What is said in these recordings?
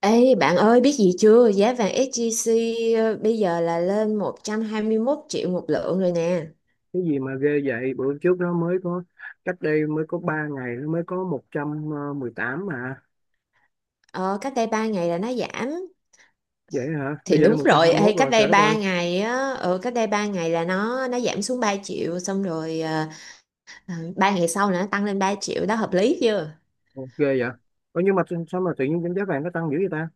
Ê bạn ơi, biết gì chưa? Giá vàng SJC bây giờ là lên 121 triệu một lượng rồi nè. Cái gì mà ghê vậy? Bữa trước nó mới có, cách đây mới có 3 ngày nó mới có 100 18 mà. Ờ, Cách đây 3 ngày là nó giảm. Vậy hả? Thì Bây giờ nó đúng một trăm hai rồi mươi ê, mốt Cách rồi, đây trời đất 3 ơi. ngày á, cách đây 3 ngày là nó giảm xuống 3 triệu xong rồi. 3 ngày sau là nó tăng lên 3 triệu đó, hợp lý chưa? Ồ, ghê vậy. Ủa, nhưng mà sao sao mà tự nhiên cái giá vàng nó tăng dữ vậy ta?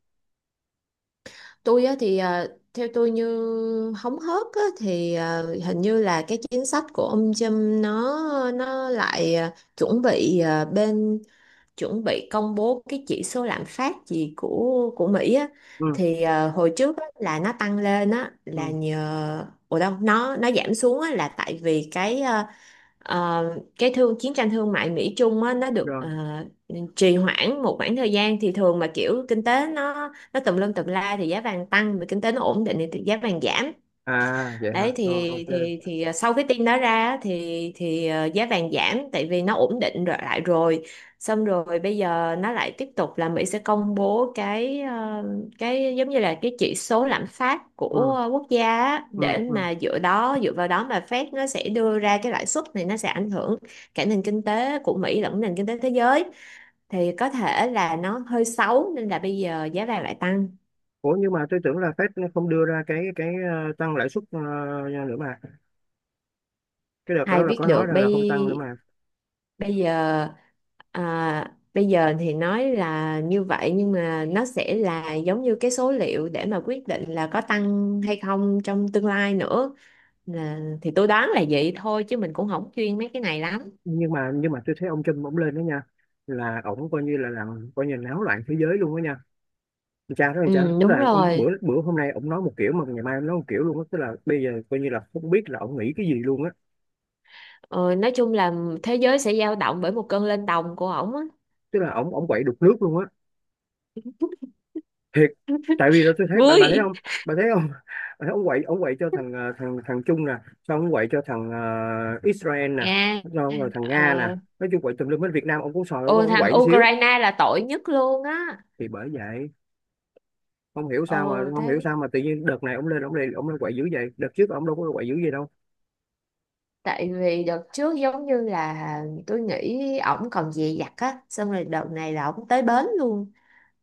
Tôi á, theo tôi như hóng hớt á, hình như là cái chính sách của ông Trump nó lại ờ, chuẩn bị ờ, bên chuẩn bị công bố cái chỉ số lạm phát gì của Mỹ á. Ừ. Hồi trước á, là nó tăng lên á là Ừ. nhờ ủa đâu nó giảm xuống á, là tại vì ờ, cái thương chiến tranh thương mại Mỹ Trung á, nó được Rồi. Trì hoãn một khoảng thời gian. Thì thường mà kiểu kinh tế nó tùm lum tùm la thì giá vàng tăng, mà kinh tế nó ổn định thì giá vàng giảm. À, vậy hả? Đấy, Rồi, thì ok. thì thì ờ, sau cái tin đó ra á, thì giá vàng giảm tại vì nó ổn định rồi lại rồi. Xong rồi bây giờ nó lại tiếp tục là Mỹ sẽ công bố cái giống như là cái chỉ số lạm phát Ừ. của quốc gia á, để Ừ. Ừ. mà dựa vào đó mà Fed nó sẽ đưa ra cái lãi suất, này nó sẽ ảnh hưởng cả nền kinh tế của Mỹ lẫn nền kinh tế thế giới, thì có thể là nó hơi xấu nên là bây giờ giá vàng lại tăng. Ủa nhưng mà tôi tưởng là Fed nó không đưa ra cái tăng lãi suất nữa mà. Cái đợt đó Ai là biết có nói được rằng là không tăng nữa bây mà. bây giờ à, bây giờ thì nói là như vậy, nhưng mà nó sẽ là giống như cái số liệu để mà quyết định là có tăng hay không trong tương lai nữa. Là, thì tôi đoán là vậy thôi chứ mình cũng không chuyên mấy cái này lắm. Nhưng mà tôi thấy ông Trump ổng lên đó nha, là ổng coi như là làm, coi như náo loạn thế giới luôn đó nha. Con trai đó, con trai, Ừ, tức đúng là bữa rồi. bữa hôm nay ổng nói một kiểu mà ngày mai ổng nói một kiểu luôn á, tức là bây giờ coi như là không biết là ổng nghĩ cái gì luôn á. Ờ, nói chung là thế giới sẽ dao động bởi một cơn lên đồng của ổng á. Tức là ổng ổng quậy đục nước luôn á, thiệt. Tại vì là tôi thấy bà thấy Vui. không, bà thấy không? Bà thấy ổng quậy, ổng quậy cho thằng thằng thằng Trung nè, xong ổng quậy cho thằng Israel nè, Nga. xong rồi thằng ờ, Nga nè. Nói chung quậy tùm lum, bên Việt Nam ổng cũng sòi, ổng Ô, ổng thằng quậy xíu. Ukraine là tội nhất luôn á. Thì bởi vậy. không hiểu sao mà Ờ. không hiểu Thế. sao mà tự nhiên đợt này ổng lên quậy dữ vậy, đợt trước ổng đâu có quậy dữ vậy đâu. Tại vì đợt trước giống như là tôi nghĩ ổng còn dè dặt á, xong rồi đợt này là ổng tới bến luôn,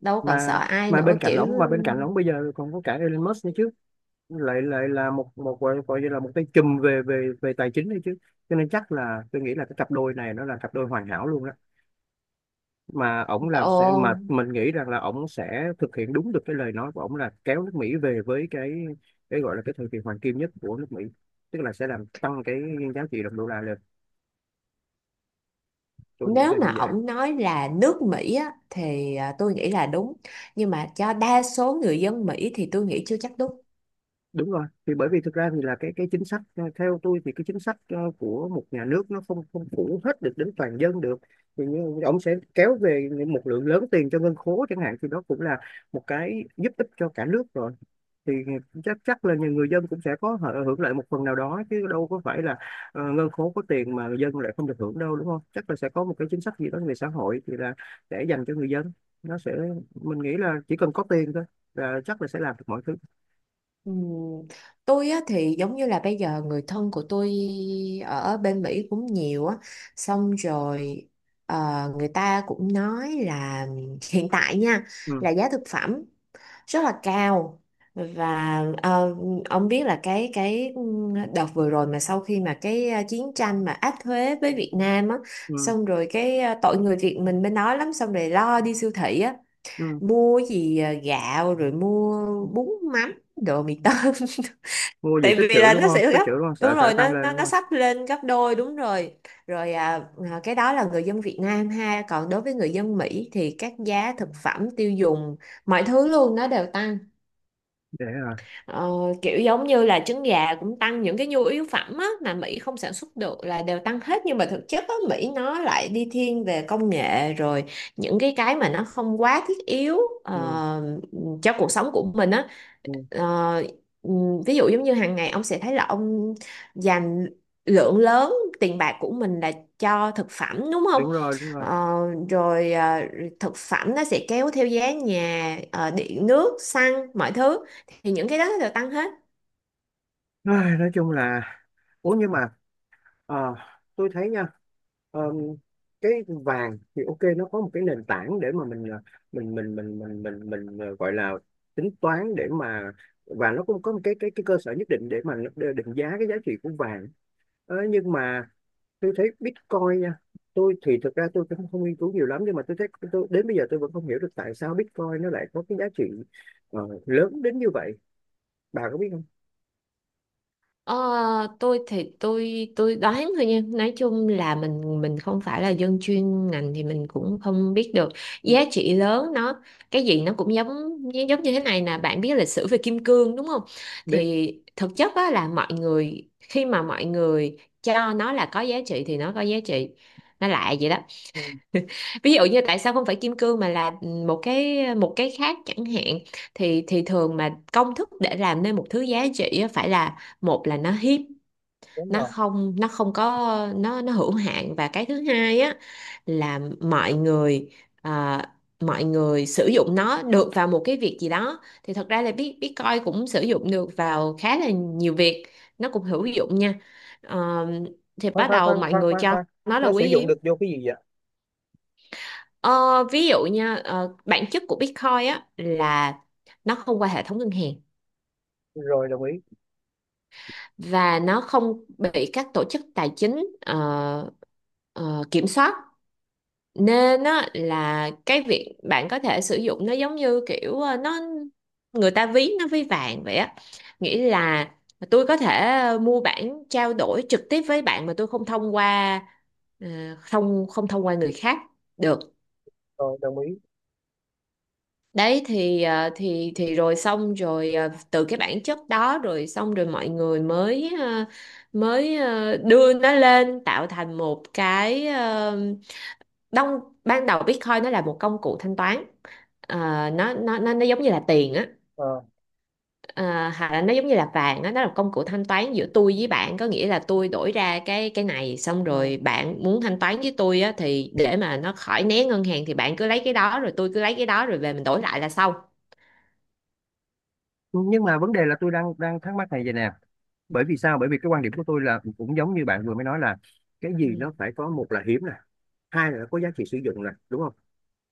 đâu còn sợ mà ai mà nữa bên cạnh kiểu. ổng mà bên cạnh ổng bây giờ còn có cả Elon Musk nữa chứ, lại lại là một một gọi gọi như là một cái chùm về về về tài chính đấy chứ. Cho nên chắc là tôi nghĩ là cái cặp đôi này nó là cặp đôi hoàn hảo luôn đó. Mà ổng làm sẽ, mà Ồ. mình nghĩ rằng là ổng sẽ thực hiện đúng được cái lời nói của ổng là kéo nước Mỹ về với cái gọi là cái thời kỳ hoàng kim nhất của nước Mỹ, tức là sẽ làm tăng cái giá trị đồng đô la lên. Tôi nghĩ là Nếu mà như vậy. ổng nói là nước Mỹ á thì tôi nghĩ là đúng, nhưng mà cho đa số người dân Mỹ thì tôi nghĩ chưa chắc đúng. Đúng rồi, thì bởi vì thực ra thì là cái chính sách theo tôi thì cái chính sách của một nhà nước nó không không phủ hết được đến toàn dân được. Thì như ông sẽ kéo về một lượng lớn tiền cho ngân khố chẳng hạn, thì đó cũng là một cái giúp ích cho cả nước rồi. Thì chắc chắc là nhà người dân cũng sẽ có hưởng lợi một phần nào đó chứ, đâu có phải là ngân khố có tiền mà người dân lại không được hưởng đâu, đúng không? Chắc là sẽ có một cái chính sách gì đó về xã hội thì là để dành cho người dân. Nó sẽ, mình nghĩ là chỉ cần có tiền thôi là chắc là sẽ làm được mọi thứ. Ừm, tôi á thì giống như là bây giờ người thân của tôi ở bên Mỹ cũng nhiều á. Xong rồi người ta cũng nói là hiện tại nha, Ừ. là giá thực phẩm rất là cao. Và ông biết là cái đợt vừa rồi mà sau khi mà chiến tranh mà áp thuế với Việt Nam á, Ừ. xong rồi tội người Việt mình bên đó lắm, xong rồi lo đi siêu thị á, Ừ. mua gì gạo rồi mua bún mắm đồ mì tôm. Mua gì Tại tích vì trữ là đúng nó không? sẽ Tích gấp, trữ đúng không, sợ đúng sợ rồi, tăng nó lên nó đúng nó không? sắp lên gấp đôi, đúng rồi. rồi à, cái đó là người dân Việt Nam ha, còn đối với người dân Mỹ thì các giá thực phẩm tiêu dùng mọi thứ luôn nó đều tăng. Để à. Ờ, kiểu giống như là trứng gà cũng tăng, những cái nhu yếu phẩm á, mà Mỹ không sản xuất được là đều tăng hết. Nhưng mà thực chất á, Mỹ nó lại đi thiên về công nghệ rồi, những cái mà nó không quá thiết yếu Ừ. ờ, cho cuộc sống của mình á. Ừ. Ờ, ví dụ giống như hàng ngày ông sẽ thấy là ông dành lượng lớn tiền bạc của mình là cho thực phẩm, đúng không? Đúng rồi, đúng rồi. Ờ, rồi thực phẩm nó sẽ kéo theo giá nhà, điện nước, xăng, mọi thứ, thì những cái đó nó đều tăng hết. Ai, nói chung là, ủa nhưng mà, ờ, tôi thấy nha, ờ, cái vàng thì ok, nó có một cái nền tảng để mà mình mình, gọi là tính toán để mà, và nó cũng có một cái cơ sở nhất định để mà nó định giá cái giá trị của vàng. Ờ, nhưng mà tôi thấy Bitcoin nha. Tôi thì thực ra tôi cũng không nghiên cứu nhiều lắm, nhưng mà tôi thấy, tôi đến bây giờ tôi vẫn không hiểu được tại sao Bitcoin nó lại có cái giá trị ờ, lớn đến như vậy. Bà có biết không? Ờ, tôi thì tôi đoán thôi nha, nói chung là mình không phải là dân chuyên ngành thì mình cũng không biết được Ừ, giá trị lớn nó cái gì. Nó cũng giống giống như thế này nè, bạn biết lịch sử về kim cương đúng không? biết. Thì thực chất á, là mọi người khi mà mọi người cho nó là có giá trị thì nó có giá trị, nó lại vậy đó. Ừ, Ví dụ như tại sao không phải kim cương mà là một cái khác chẳng hạn. Thì Thường mà công thức để làm nên một thứ giá trị á, phải là, một là nó hiếm, đúng rồi. Nó không có, nó hữu hạn. Và cái thứ hai á là mọi người à, mọi người sử dụng nó được vào một cái việc gì đó. Thì thật ra là Bitcoin cũng sử dụng được vào khá là nhiều việc, nó cũng hữu dụng nha. Ờ, thì Khoan bắt khoan đầu khoan mọi khoan người khoan cho khoan, nó là nó sử quý dụng hiếm. được vô cái gì vậy? Ờ, ví dụ nha, bản chất của Bitcoin á là nó không qua hệ thống ngân hàng, Rồi, đồng ý. và nó không bị các tổ chức tài chính kiểm soát. Nên á là cái việc bạn có thể sử dụng nó giống như kiểu nó, người ta ví nó ví vàng vậy á. Nghĩa là tôi có thể mua bản trao đổi trực tiếp với bạn mà tôi không thông qua, ờ, không không thông qua người khác được. Rồi, đồng ý. Đấy thì rồi xong rồi, từ cái bản chất đó rồi xong rồi mọi người mới đưa nó lên tạo thành đông. Ban đầu Bitcoin nó là một công cụ thanh toán. Ờ, nó giống như là tiền á. Ờ. Ờ, hoặc là nó giống như là vàng á, nó là công cụ thanh toán giữa tôi với bạn. Có nghĩa là tôi đổi ra cái này, xong Ờ, rồi bạn muốn thanh toán với tôi á thì để mà nó khỏi né ngân hàng thì bạn cứ lấy cái đó rồi tôi cứ lấy cái đó rồi về mình đổi lại là xong. nhưng mà vấn đề là tôi đang đang thắc mắc này vậy nè. Bởi vì sao? Bởi vì cái quan điểm của tôi là cũng giống như bạn vừa mới nói là, cái gì nó phải có, một là hiếm nè, hai là nó có giá trị sử dụng nè, đúng không?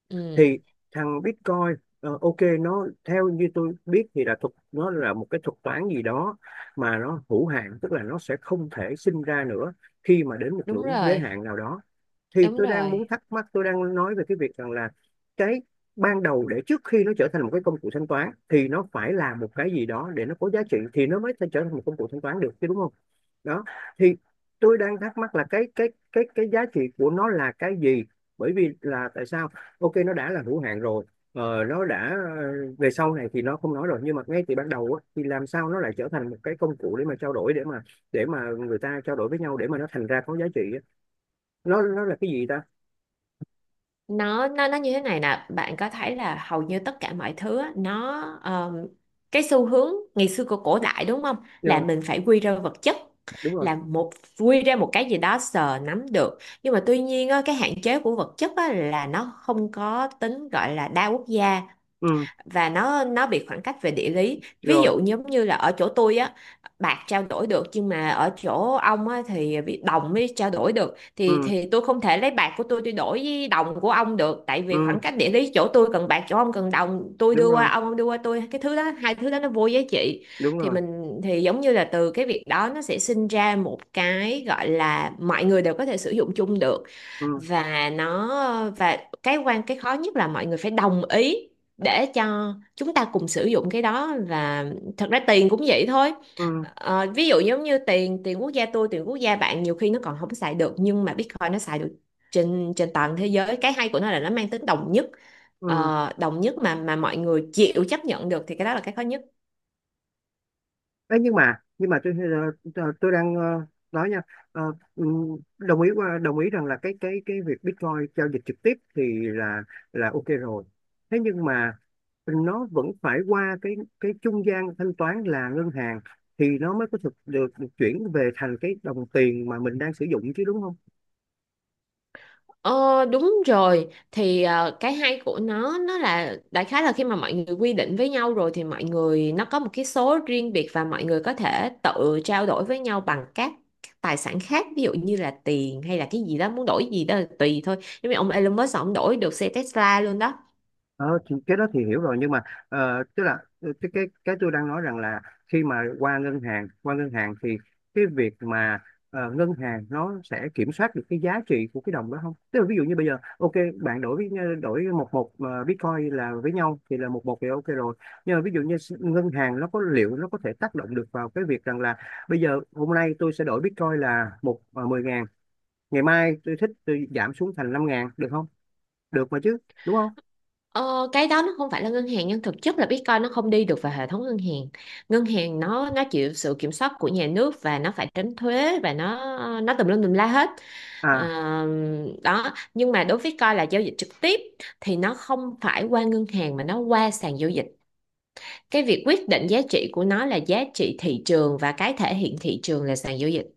Ừ, Thì thằng Bitcoin ok, nó theo như tôi biết thì là nó là một cái thuật toán gì đó mà nó hữu hạn, tức là nó sẽ không thể sinh ra nữa khi mà đến một đúng ngưỡng giới rồi, hạn nào đó. Thì đúng tôi đang muốn rồi. thắc mắc, tôi đang nói về cái việc rằng là cái ban đầu để, trước khi nó trở thành một cái công cụ thanh toán thì nó phải là một cái gì đó để nó có giá trị thì nó mới thể trở thành một công cụ thanh toán được chứ đúng không? Đó. Thì tôi đang thắc mắc là cái giá trị của nó là cái gì, bởi vì là tại sao ok nó đã là hữu hạn rồi, nó đã về sau này thì nó không nói rồi, nhưng mà ngay từ ban đầu á, thì làm sao nó lại trở thành một cái công cụ để mà trao đổi, để mà người ta trao đổi với nhau để mà nó thành ra có giá trị á. Nó là cái gì ta? Nó như thế này nè, bạn có thấy là hầu như tất cả mọi thứ á, nó cái xu hướng ngày xưa của cổ đại đúng không? Là Rồi. mình phải quy ra vật chất, Đúng rồi. là một, quy ra một cái gì đó sờ nắm được. Nhưng mà tuy nhiên á, cái hạn chế của vật chất á, là nó không có tính gọi là đa quốc gia, Ừ. và nó bị khoảng cách về địa lý. Ví Rồi. dụ giống như là ở chỗ tôi á bạc trao đổi được, nhưng mà ở chỗ ông á thì bị đồng mới trao đổi được, thì Ừ. thì tôi không thể lấy bạc của tôi đổi với đồng của ông được, tại vì Ừ. khoảng cách địa lý, chỗ tôi cần bạc chỗ ông cần đồng, tôi Đúng đưa qua rồi. Ông đưa qua tôi cái thứ đó, hai thứ đó nó vô giá trị. Đúng rồi. Thì giống như là từ cái việc đó nó sẽ sinh ra một cái gọi là mọi người đều có thể sử dụng chung được. Ừ. và nó và cái cái khó nhất là mọi người phải đồng ý để cho chúng ta cùng sử dụng cái đó. Và thật ra tiền cũng vậy thôi. Ừ. Ờ, ví dụ giống như tiền tiền quốc gia tôi, tiền quốc gia bạn, nhiều khi nó còn không xài được, nhưng mà Bitcoin nó xài được trên trên toàn thế giới. Cái hay của nó là nó mang tính đồng nhất. Ừ. Ờ, đồng nhất mà mọi người chịu chấp nhận được, thì cái đó là cái khó nhất. Ê, nhưng mà tôi đang nói nha. Ờ, ừ, đồng ý, qua đồng ý rằng là cái việc Bitcoin giao dịch trực tiếp thì là ok rồi. Thế nhưng mà nó vẫn phải qua cái trung gian thanh toán là ngân hàng thì nó mới có được chuyển về thành cái đồng tiền mà mình đang sử dụng chứ đúng không? Ờ, đúng rồi, cái hay của nó là đại khái là khi mà mọi người quy định với nhau rồi thì mọi người nó có một cái số riêng biệt, và mọi người có thể tự trao đổi với nhau bằng các tài sản khác, ví dụ như là tiền hay là cái gì đó, muốn đổi gì đó là tùy thôi. Giống như ông Elon Musk ông đổi được xe Tesla luôn đó. Ờ, thì cái đó thì hiểu rồi, nhưng mà tức là cái tôi đang nói rằng là, khi mà qua ngân hàng thì cái việc mà ngân hàng nó sẽ kiểm soát được cái giá trị của cái đồng đó không? Tức là ví dụ như bây giờ ok, bạn đổi một một Bitcoin là với nhau thì là một một thì ok rồi. Nhưng mà ví dụ như ngân hàng nó liệu nó có thể tác động được vào cái việc rằng là bây giờ hôm nay tôi sẽ đổi Bitcoin là một 10.000, ngày mai tôi thích tôi giảm xuống thành 5.000 được không? Được mà chứ, đúng không? Ờ, cái đó nó không phải là ngân hàng, nhưng thực chất là Bitcoin nó không đi được vào hệ thống ngân hàng. Ngân hàng nó chịu sự kiểm soát của nhà nước và nó phải tránh thuế và nó tùm lum tùm la hết. À Ờ, đó, nhưng mà đối với Bitcoin là giao dịch trực tiếp thì nó không phải qua ngân hàng mà nó qua sàn giao dịch. Cái việc quyết định giá trị của nó là giá trị thị trường, và cái thể hiện thị trường là sàn giao dịch.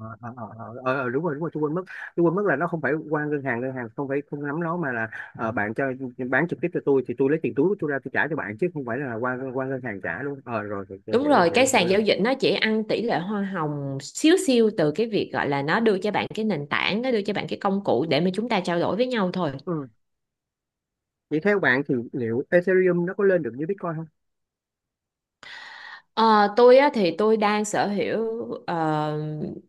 ờ, đúng rồi, đúng rồi. Tôi quên mất là nó không phải qua ngân hàng, ngân hàng không phải, không nắm nó mà là, bạn cho, bán trực tiếp cho tôi thì tôi lấy tiền túi của tôi ra tôi trả cho bạn chứ không phải là qua qua ngân hàng trả luôn. Ờ, rồi rồi, tôi Đúng hiểu rồi, rồi, cái hiểu hiểu sàn rồi. giao dịch nó chỉ ăn tỷ lệ hoa hồng xíu xiu từ cái việc gọi là nó đưa cho bạn cái nền tảng, nó đưa cho bạn cái công cụ để mà chúng ta trao đổi với nhau thôi. Ừ. Vậy theo bạn thì liệu Ethereum nó có lên được như Bitcoin không? Ờ, tôi á, thì tôi đang sở hữu ờ,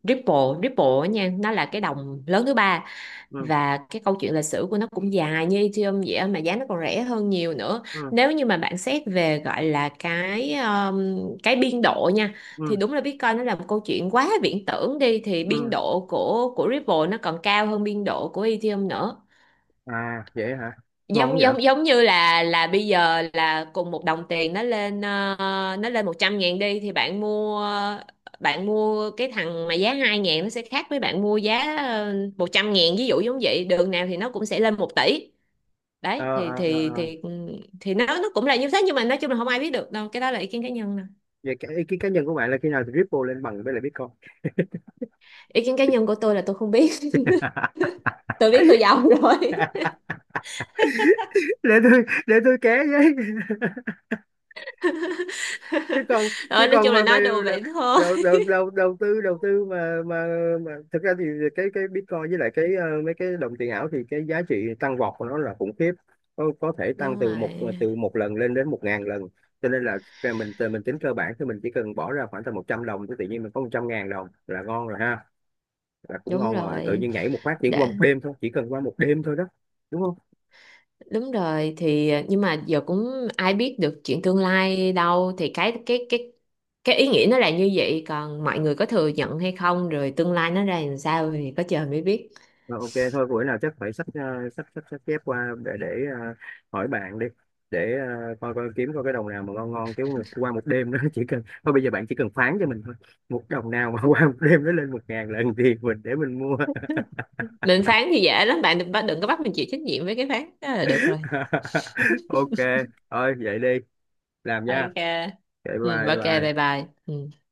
Ripple. Ripple á nha, nó là cái đồng lớn thứ ba, Ừ. và cái câu chuyện lịch sử của nó cũng dài như Ethereum vậy á, mà giá nó còn rẻ hơn nhiều nữa. Ừ. Nếu như mà bạn xét về gọi là cái biên độ nha, Ừ. thì đúng là Bitcoin nó là một câu chuyện quá viễn tưởng đi, thì biên Ừ. độ của Ripple nó còn cao hơn biên độ của Ethereum nữa. À, vậy hả? Ngon không Giống vậy? giống Giống như là bây giờ là cùng một đồng tiền nó lên nó lên 100 ngàn đi, thì bạn mua cái thằng mà giá 2 ngàn nó sẽ khác với bạn mua giá 100 ngàn. Ví dụ giống vậy, đường nào thì nó cũng sẽ lên 1 tỷ. ờ Đấy ờ thì ờ thì ờ. thì thì nó cũng là như thế, nhưng mà nói chung là không ai biết được đâu, cái đó là ý kiến cá nhân nè. Vậy cái ý kiến cá nhân của bạn là khi nào thì Ripple lên bằng với lại Bitcoin? Ý kiến cá nhân của tôi là tôi không biết. Tôi biết tôi giàu rồi. Để tôi ké với. chứ còn chứ Rồi, nói còn chung là mà mày nói đùa vậy thôi. đầu đầu đầu đầu tư mà thực ra thì cái Bitcoin với lại cái mấy cái đồng tiền ảo thì cái giá trị tăng vọt của nó là khủng khiếp, có thể tăng Đúng rồi, từ một lần lên đến 1.000 lần. Cho nên là ra mình tính cơ bản thì mình chỉ cần bỏ ra khoảng tầm 100 đồng thì tự nhiên mình có 100.000 đồng là ngon rồi ha. Là cũng đúng ngon rồi, tự rồi, nhiên nhảy một phát chỉ để. qua một đêm thôi, chỉ cần qua một đêm thôi đó, đúng không? Đúng rồi, nhưng mà giờ cũng ai biết được chuyện tương lai đâu, thì cái ý nghĩa nó là như vậy, còn mọi người có thừa nhận hay không, rồi tương lai nó ra làm sao thì có trời mới biết. Ờ, ok thôi, buổi nào chắc phải sách chép qua để ờ, hỏi bạn đi, để coi coi kiếm coi cái đồng nào mà ngon ngon, chứ mà qua một đêm đó chỉ cần thôi, bây giờ bạn chỉ cần phán cho mình thôi, một đồng nào mà qua một đêm nó lên 1.000 lần thì mình để mình mua. Định phán thì dễ lắm, bạn đừng đừng có bắt mình chịu trách nhiệm với cái phán đó là được rồi. Ok, thôi vậy đi, làm nha. Ok. Okay, Ừ, bye. Bye ok, bye bye. bye. Ừ.